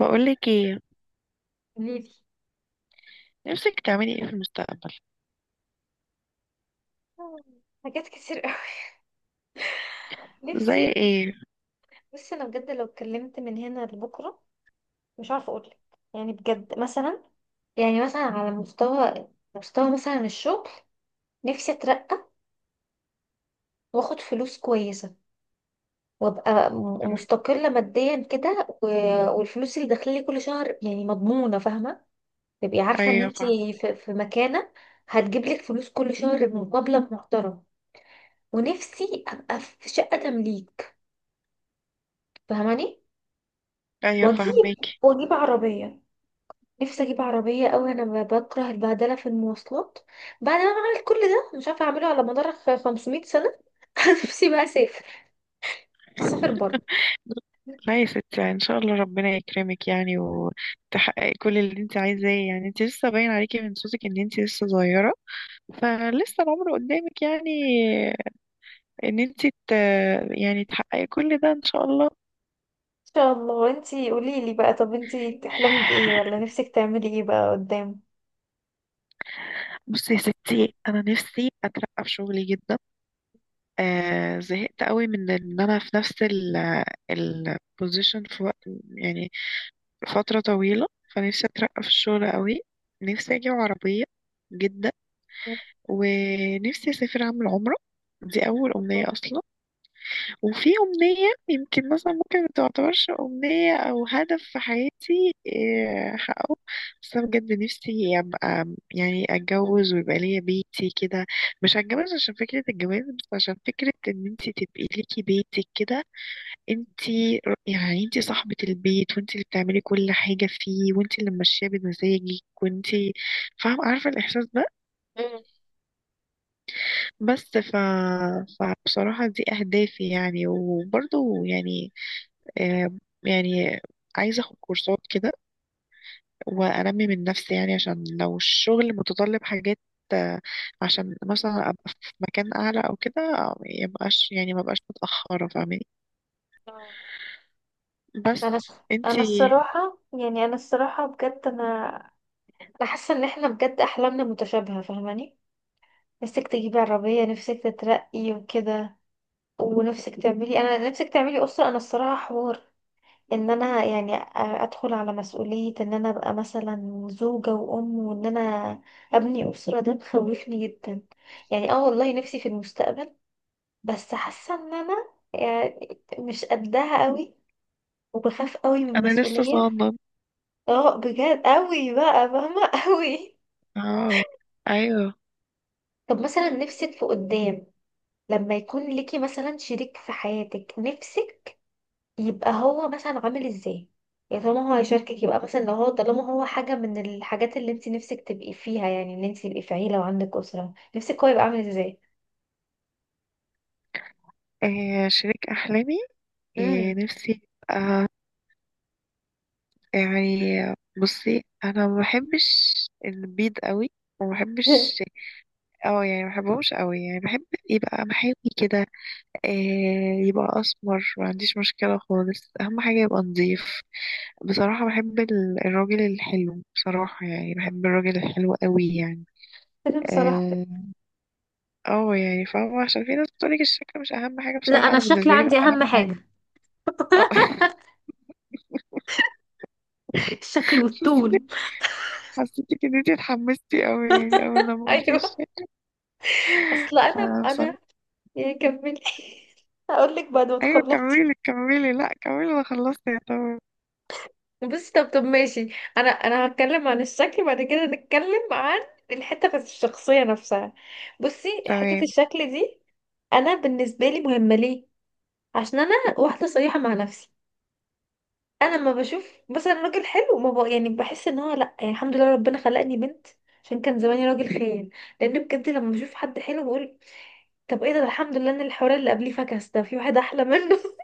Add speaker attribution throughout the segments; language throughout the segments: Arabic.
Speaker 1: بقولك ايه؟
Speaker 2: قوليلي.
Speaker 1: نفسك تعملي ايه في المستقبل؟
Speaker 2: حاجات كتير قوي نفسي.
Speaker 1: زي ايه؟
Speaker 2: بصي انا بجد لو اتكلمت من هنا لبكره مش عارفه اقولك. يعني بجد مثلا يعني مثلا على مستوى مستوى مثلا الشغل، نفسي اترقى، واخد فلوس كويسه، وابقى
Speaker 1: أمي-
Speaker 2: مستقله ماديا كده و... والفلوس اللي داخلالي كل شهر يعني مضمونه، فاهمه، تبقي عارفه ان
Speaker 1: ايوه
Speaker 2: انت
Speaker 1: فاهمة.
Speaker 2: في مكانه هتجيبلك فلوس كل شهر بمقابله محترمه. ونفسي ابقى في شقه تمليك، فاهماني.
Speaker 1: ايوه
Speaker 2: واجيب
Speaker 1: فاهمك.
Speaker 2: واجيب عربية، نفسي اجيب عربية اوي، انا بكره البهدلة في المواصلات بعد ما عملت كل ده، مش عارفة اعمله على مدار 500 سنة. نفسي بقى اسافر، اسافر برضه.
Speaker 1: لا يا ستي ان شاء الله ربنا يكرمك، يعني وتحققي كل اللي انت عايزاه. يعني انت لسه باين عليكي من صوتك ان انت لسه صغيرة، فلسه العمر قدامك يعني. ان انت ت... يعني تحققي كل ده ان شاء الله.
Speaker 2: ان شاء الله. انتي قوليلي بقى، طب انتي بتحلمي بايه ولا نفسك تعملي ايه بقى قدام؟
Speaker 1: بصي يا ستي، انا نفسي اترقى في شغلي جدا. آه، زهقت قوي من ان انا في نفس البوزيشن في وقت، يعني فترة طويلة. فنفسي أترقى في الشغل قوي. نفسي أجيب عربية جدا. ونفسي أسافر أعمل عمرة، دي أول أمنية أصلا. وفي أمنية يمكن مثلا ممكن ما تعتبرش أمنية، أو هدف في حياتي إيه، أحققه. بس أنا بجد نفسي أبقى، يعني أتجوز ويبقى ليا بيتي كده. مش هتجوز عشان فكرة الجواز، بس عشان فكرة إن أنتي تبقي ليكي بيتك كده. انتي يعني انتي صاحبة البيت، وانتي اللي بتعملي كل حاجة فيه، وانتي اللي ماشية بمزاجك، وانتي فاهمة عارفة الإحساس ده. بس ف... فبصراحة دي أهدافي يعني، وبرضه يعني آه، يعني عايزة أخد كورسات كده وأنمي من نفسي، يعني عشان لو الشغل متطلب حاجات آه، عشان مثلا أبقى في مكان أعلى أو كده. ميبقاش يعني مبقاش متأخرة، فاهماني؟
Speaker 2: مم. انا
Speaker 1: بس انتي؟
Speaker 2: الصراحه، يعني انا الصراحه بجد، انا حاسه ان احنا بجد احلامنا متشابهه، فاهماني؟ نفسك تجيبي عربيه، نفسك تترقي وكده، ونفسك تعملي، انا نفسك تعملي اسره. انا الصراحه حوار ان انا يعني ادخل على مسؤوليه ان انا ابقى مثلا زوجه وام وان انا ابني اسره ده مخوفني جدا. يعني اه والله نفسي في المستقبل، بس حاسه ان انا يعني مش قدها قوي، وبخاف قوي من
Speaker 1: أنا لسه
Speaker 2: المسؤوليه.
Speaker 1: صاعدة.
Speaker 2: اه بجد قوي بقى، فاهمة؟ قوي.
Speaker 1: اه. ايوه.
Speaker 2: طب مثلا نفسك في قدام لما يكون ليكي مثلا شريك في حياتك، نفسك يبقى هو مثلا عامل ازاي؟ يعني طالما هو هيشاركك، يبقى مثلا لو هو طالما هو حاجة من الحاجات اللي انت نفسك تبقي فيها، يعني ان انت تبقي في عيلة وعندك أسرة، نفسك هو يبقى عامل ازاي؟
Speaker 1: آه، شريك احلامي. آه،
Speaker 2: امم.
Speaker 1: نفسي يبقى يعني، بصي انا ما بحبش البيض قوي، وما بحبش، اه يعني ما بحبهمش قوي. يعني بحب يبقى محاوي كده. آه، يبقى اسمر ما عنديش مشكله خالص، اهم حاجه يبقى نظيف. بصراحه بحب الراجل الحلو، بصراحه يعني بحب الراجل الحلو قوي يعني.
Speaker 2: انا بصراحة،
Speaker 1: اه. آه، يعني فاهمه. عشان في ناس بتقولك الشكل مش اهم حاجه،
Speaker 2: لا
Speaker 1: بصراحه
Speaker 2: انا
Speaker 1: انا
Speaker 2: الشكل
Speaker 1: بالنسبه لي ده
Speaker 2: عندي اهم
Speaker 1: اهم حاجه.
Speaker 2: حاجه.
Speaker 1: اه.
Speaker 2: الشكل والطول.
Speaker 1: حسيتك ان انتي اتحمستي قوي، يعني اول لما قلتي
Speaker 2: ايوه.
Speaker 1: الشيء.
Speaker 2: اصل انا
Speaker 1: فانا بصراحة.
Speaker 2: انا يا كملي. هقول لك بعد ما
Speaker 1: ايوه
Speaker 2: تخلصي.
Speaker 1: كملي كملي، لا كملي، انا خلصت يا طبعا.
Speaker 2: بس طب طب ماشي. انا هتكلم عن الشكل، بعد كده نتكلم عن الحته بتاعت الشخصيه نفسها. بصي، حته
Speaker 1: تمام.
Speaker 2: الشكل دي انا بالنسبه لي مهمه ليه؟ عشان انا واحده صريحه مع نفسي. انا لما بشوف مثلا راجل حلو ما بق... يعني بحس ان هو لا، يعني الحمد لله ربنا خلقني بنت عشان كان زماني راجل خير. لان بجد لما بشوف حد حلو بقول طب ايه ده، ده الحمد لله ان الحوار اللي قبليه فكس ده في واحد احلى منه.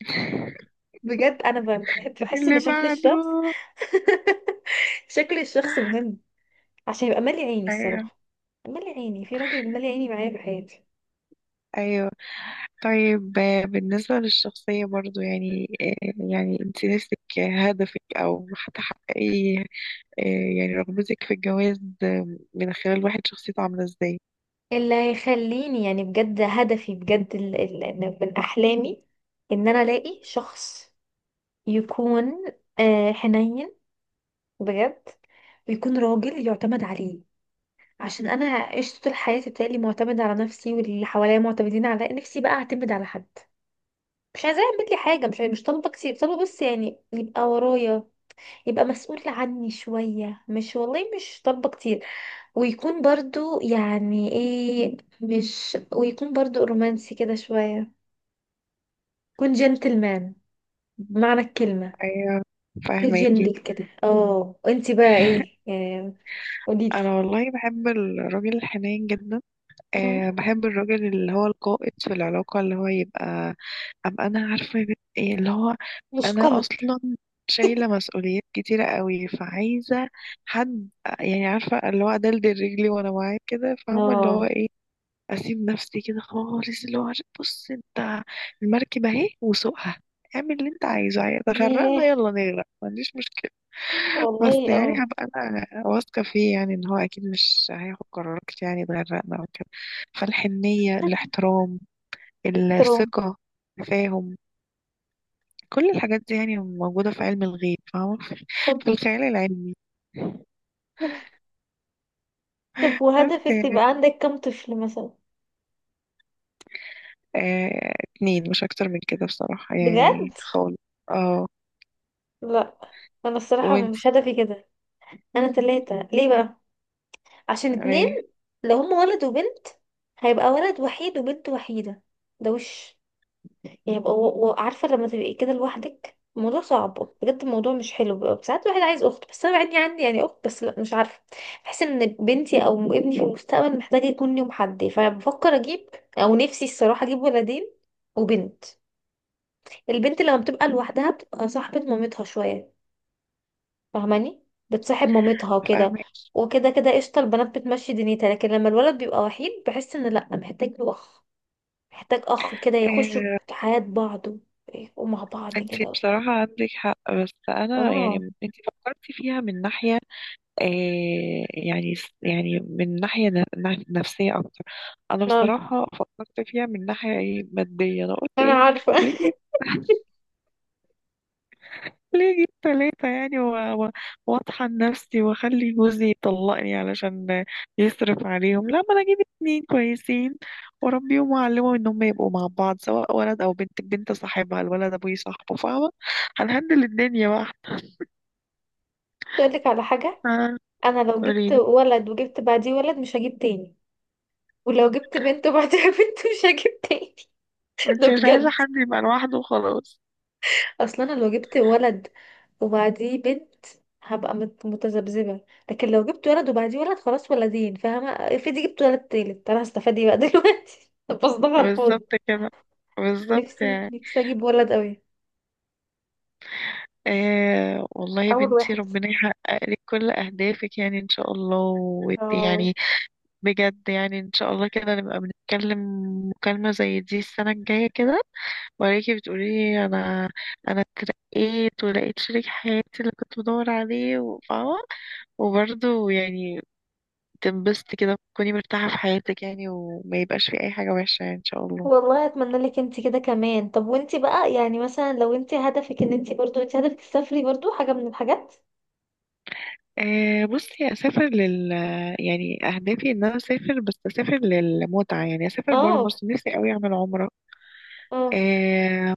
Speaker 2: بجد انا بحس ان
Speaker 1: اللي
Speaker 2: شكل
Speaker 1: بعده.
Speaker 2: الشخص، شكل الشخص مهم، عشان يبقى مالي عيني
Speaker 1: ايوه.
Speaker 2: الصراحة، مالي عيني في راجل مالي عيني معايا في حياتي.
Speaker 1: ايوه. طيب آه، بالنسبة للشخصية برضو يعني آه، يعني انت نفسك هدفك او هتحققي آه، يعني رغبتك في الجواز آه، من خلال واحد شخصيته عاملة ازاي؟
Speaker 2: اللي هيخليني، يعني بجد هدفي بجد، من أحلامي إن أنا ألاقي شخص يكون آه، حنين بجد، ويكون راجل يعتمد عليه. عشان أنا عشت طول حياتي بتهيألي معتمدة على نفسي واللي حواليا معتمدين على نفسي، بقى أعتمد على حد. مش عايزاه يعمل لي حاجة، مش طالبة كتير، طالبة بس يعني يبقى ورايا، يبقى مسؤول عني شوية، مش والله مش طالبة كتير. ويكون برضو يعني ايه، مش ويكون برضو رومانسي كده شوية، يكون جنتلمان بمعنى الكلمة.
Speaker 1: ايوه فاهماكي.
Speaker 2: الجندل كده. اه، انتي بقى ايه يعني؟ قوليلي.
Speaker 1: انا والله بحب الراجل الحنين جدا.
Speaker 2: مم.
Speaker 1: أه بحب الراجل اللي هو القائد في العلاقة، اللي هو يبقى أبقى أنا عارفة إيه اللي هو.
Speaker 2: مش
Speaker 1: أنا
Speaker 2: كوميدي.
Speaker 1: أصلا شايلة مسؤوليات كتيرة قوي، فعايزة حد يعني، عارفة اللي هو أدلدل رجلي وأنا معاه كده، فاهمة اللي هو
Speaker 2: اه.
Speaker 1: إيه. اسيب نفسي كده خالص، اللي هو بص انت، المركب اهي وسوقها، اعمل اللي انت عايزه، عايز غرقنا
Speaker 2: ياه،
Speaker 1: يلا نغرق، ما عنديش مشكله. بس
Speaker 2: والله
Speaker 1: يعني
Speaker 2: اه.
Speaker 1: هبقى انا واثقه فيه، يعني ان هو اكيد مش هياخد قرارات يعني تغرقنا او كده. فالحنيه، الاحترام،
Speaker 2: تروم.
Speaker 1: الثقه، التفاهم، كل الحاجات دي يعني موجوده في علم الغيب، فاهمه؟
Speaker 2: طب
Speaker 1: في الخيال العلمي.
Speaker 2: طب
Speaker 1: بس
Speaker 2: وهدفك
Speaker 1: يعني
Speaker 2: تبقى عندك كم طفل مثلا؟
Speaker 1: آه اتنين، مش اكتر من كده بصراحه
Speaker 2: بجد؟
Speaker 1: يعني خالص. اه.
Speaker 2: لا انا الصراحة
Speaker 1: وانت؟
Speaker 2: مش هدفي كده. انا تلاتة، ليه بقى؟ عشان اتنين
Speaker 1: إيه؟
Speaker 2: لو هما ولد وبنت هيبقى ولد وحيد وبنت وحيدة. ده وش، يعني يبقى و... و... عارفة لما تبقي كده لوحدك الموضوع صعب بجد، الموضوع مش حلو، بيبقى ساعات الواحد عايز أخت. بس أنا عندي يعني أخت، بس لأ مش عارفة، بحس إن بنتي أو ابني في المستقبل محتاج يكون ليهم حد، فبفكر أجيب، أو نفسي الصراحة أجيب ولدين وبنت. البنت لما بتبقى لوحدها بتبقى صاحبة مامتها شوية، فاهماني؟ بتصاحب مامتها وكده،
Speaker 1: فاهمك.
Speaker 2: وكده كده قشطة، البنات بتمشي دنيتها. لكن لما الولد بيبقى وحيد بحس ان لأ، محتاج له أخ، محتاج أخ كده يخشوا
Speaker 1: آه،
Speaker 2: حياة بعض ومع بعض
Speaker 1: انت
Speaker 2: كده.
Speaker 1: بصراحة عندك حق، بس انا يعني
Speaker 2: اه.
Speaker 1: انت فكرتي فيها من ناحية آه، يعني يعني من ناحية نفسية اكتر. انا
Speaker 2: اه
Speaker 1: بصراحة فكرت فيها من ناحية ايه، مادية. انا قلت
Speaker 2: انا
Speaker 1: ايه؟
Speaker 2: عارفه.
Speaker 1: ليه؟ ليه جيب تلاتة يعني، واطحن نفسي واخلي جوزي يطلقني علشان يصرف عليهم؟ لا، ما انا اجيب اتنين كويسين واربيهم واعلمهم ان هم يبقوا مع بعض. سواء ولد او بنت، البنت صاحبها الولد، ابوي صاحبه، فاهمة؟ هنهندل الدنيا بقى.
Speaker 2: اقولك على حاجه،
Speaker 1: آه،
Speaker 2: انا لو جبت
Speaker 1: قوليلي.
Speaker 2: ولد وجبت بعديه ولد مش هجيب تاني. ولو جبت بنت وبعديها بنت مش هجيب تاني. ده
Speaker 1: انت مش عايزة
Speaker 2: بجد،
Speaker 1: حد يبقى لوحده وخلاص.
Speaker 2: اصلا انا لو جبت ولد وبعديه بنت هبقى متذبذبه. لكن لو جبت ولد وبعديه ولد خلاص، ولدين فاهمه، افرضي جبت ولد تالت انا هستفاد ايه بقى دلوقتي؟ بصدق على الفاضي.
Speaker 1: بالظبط كده، بالظبط
Speaker 2: نفسي
Speaker 1: يعني.
Speaker 2: نفسي اجيب ولد قوي،
Speaker 1: آه والله يا
Speaker 2: اول
Speaker 1: بنتي
Speaker 2: واحد.
Speaker 1: ربنا يحقق لك كل أهدافك، يعني إن شاء الله
Speaker 2: اه
Speaker 1: يعني بجد. يعني ان شاء الله كده نبقى بنتكلم مكالمة زي دي السنة الجاية كده، وراكي بتقولي لي، انا انا اترقيت ولقيت شريك حياتي اللي كنت بدور عليه وفاهمة. وبرضه يعني تنبسطي كده، تكوني مرتاحة في حياتك يعني، وما يبقاش في اي حاجة وحشة يعني ان شاء الله.
Speaker 2: والله اتمنى لك انت كده كمان. طب وانت بقى يعني مثلا لو انت هدفك ان انت برضو، انت هدفك تسافري برضو حاجه من الحاجات؟
Speaker 1: أه بصي اسافر يعني اهدافي ان انا اسافر، بس اسافر للمتعة. يعني اسافر برا
Speaker 2: اه.
Speaker 1: مصر نفسي قوي اعمل
Speaker 2: اه،
Speaker 1: عمرة،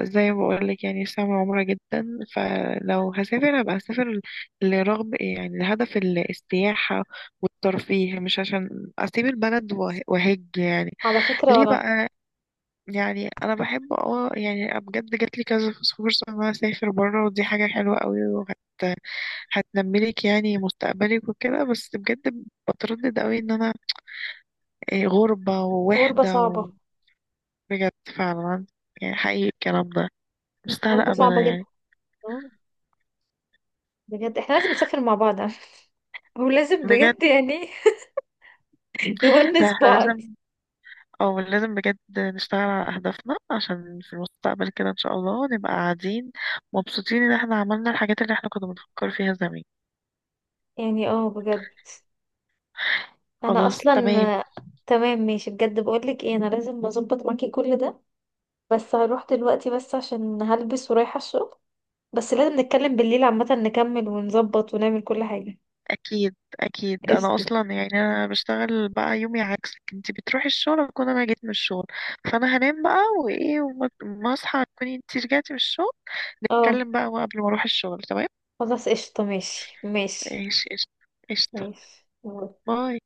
Speaker 1: زي ما بقولك يعني سامة عمرة جدا. فلو هسافر هبقى هسافر لرغب يعني لهدف السياحة والترفيه، مش عشان أسيب البلد وأهج يعني.
Speaker 2: على فكرة
Speaker 1: ليه
Speaker 2: ولا.
Speaker 1: بقى؟ يعني أنا بحب اه يعني بجد جاتلي كذا فرصة إن أنا أسافر برا، ودي حاجة حلوة قوي، هتنملك يعني مستقبلك وكده، بس بجد بتردد قوي إن أنا إيه، غربة
Speaker 2: غربة
Speaker 1: ووحدة
Speaker 2: صعبة،
Speaker 1: وبجد. فعلا، يعني حقيقي الكلام ده، مستاهلة
Speaker 2: غربه
Speaker 1: أبدا
Speaker 2: صعبه جدا.
Speaker 1: يعني.
Speaker 2: آه، بجد احنا لازم نسافر مع بعض، ولازم
Speaker 1: بجد.
Speaker 2: بجد يعني
Speaker 1: ده
Speaker 2: نونس
Speaker 1: احنا
Speaker 2: بعض.
Speaker 1: لازم، او لازم بجد نشتغل على اهدافنا عشان في المستقبل كده ان شاء الله نبقى قاعدين مبسوطين ان احنا عملنا الحاجات اللي احنا كنا بنفكر فيها زمان.
Speaker 2: يعني اه بجد. انا
Speaker 1: خلاص
Speaker 2: اصلا
Speaker 1: تمام.
Speaker 2: آه، تمام ماشي، بجد بقولك ايه، انا لازم اظبط معاكي كل ده، بس هروح دلوقتي بس عشان هلبس ورايحة الشغل. بس لازم نتكلم بالليل عامة نكمل ونظبط ونعمل كل حاجة.
Speaker 1: اكيد اكيد. انا
Speaker 2: قشطة.
Speaker 1: اصلا يعني انا بشتغل بقى يومي عكسك، انتي بتروحي الشغل اكون انا جيت من الشغل. فانا هنام بقى وايه وما ما اصحى تكوني انتي رجعتي من الشغل،
Speaker 2: اه
Speaker 1: نتكلم بقى قبل ما اروح الشغل، تمام؟
Speaker 2: خلاص قشطة، ماشي ماشي
Speaker 1: ايش ايش. قشطة.
Speaker 2: ماشي
Speaker 1: باي.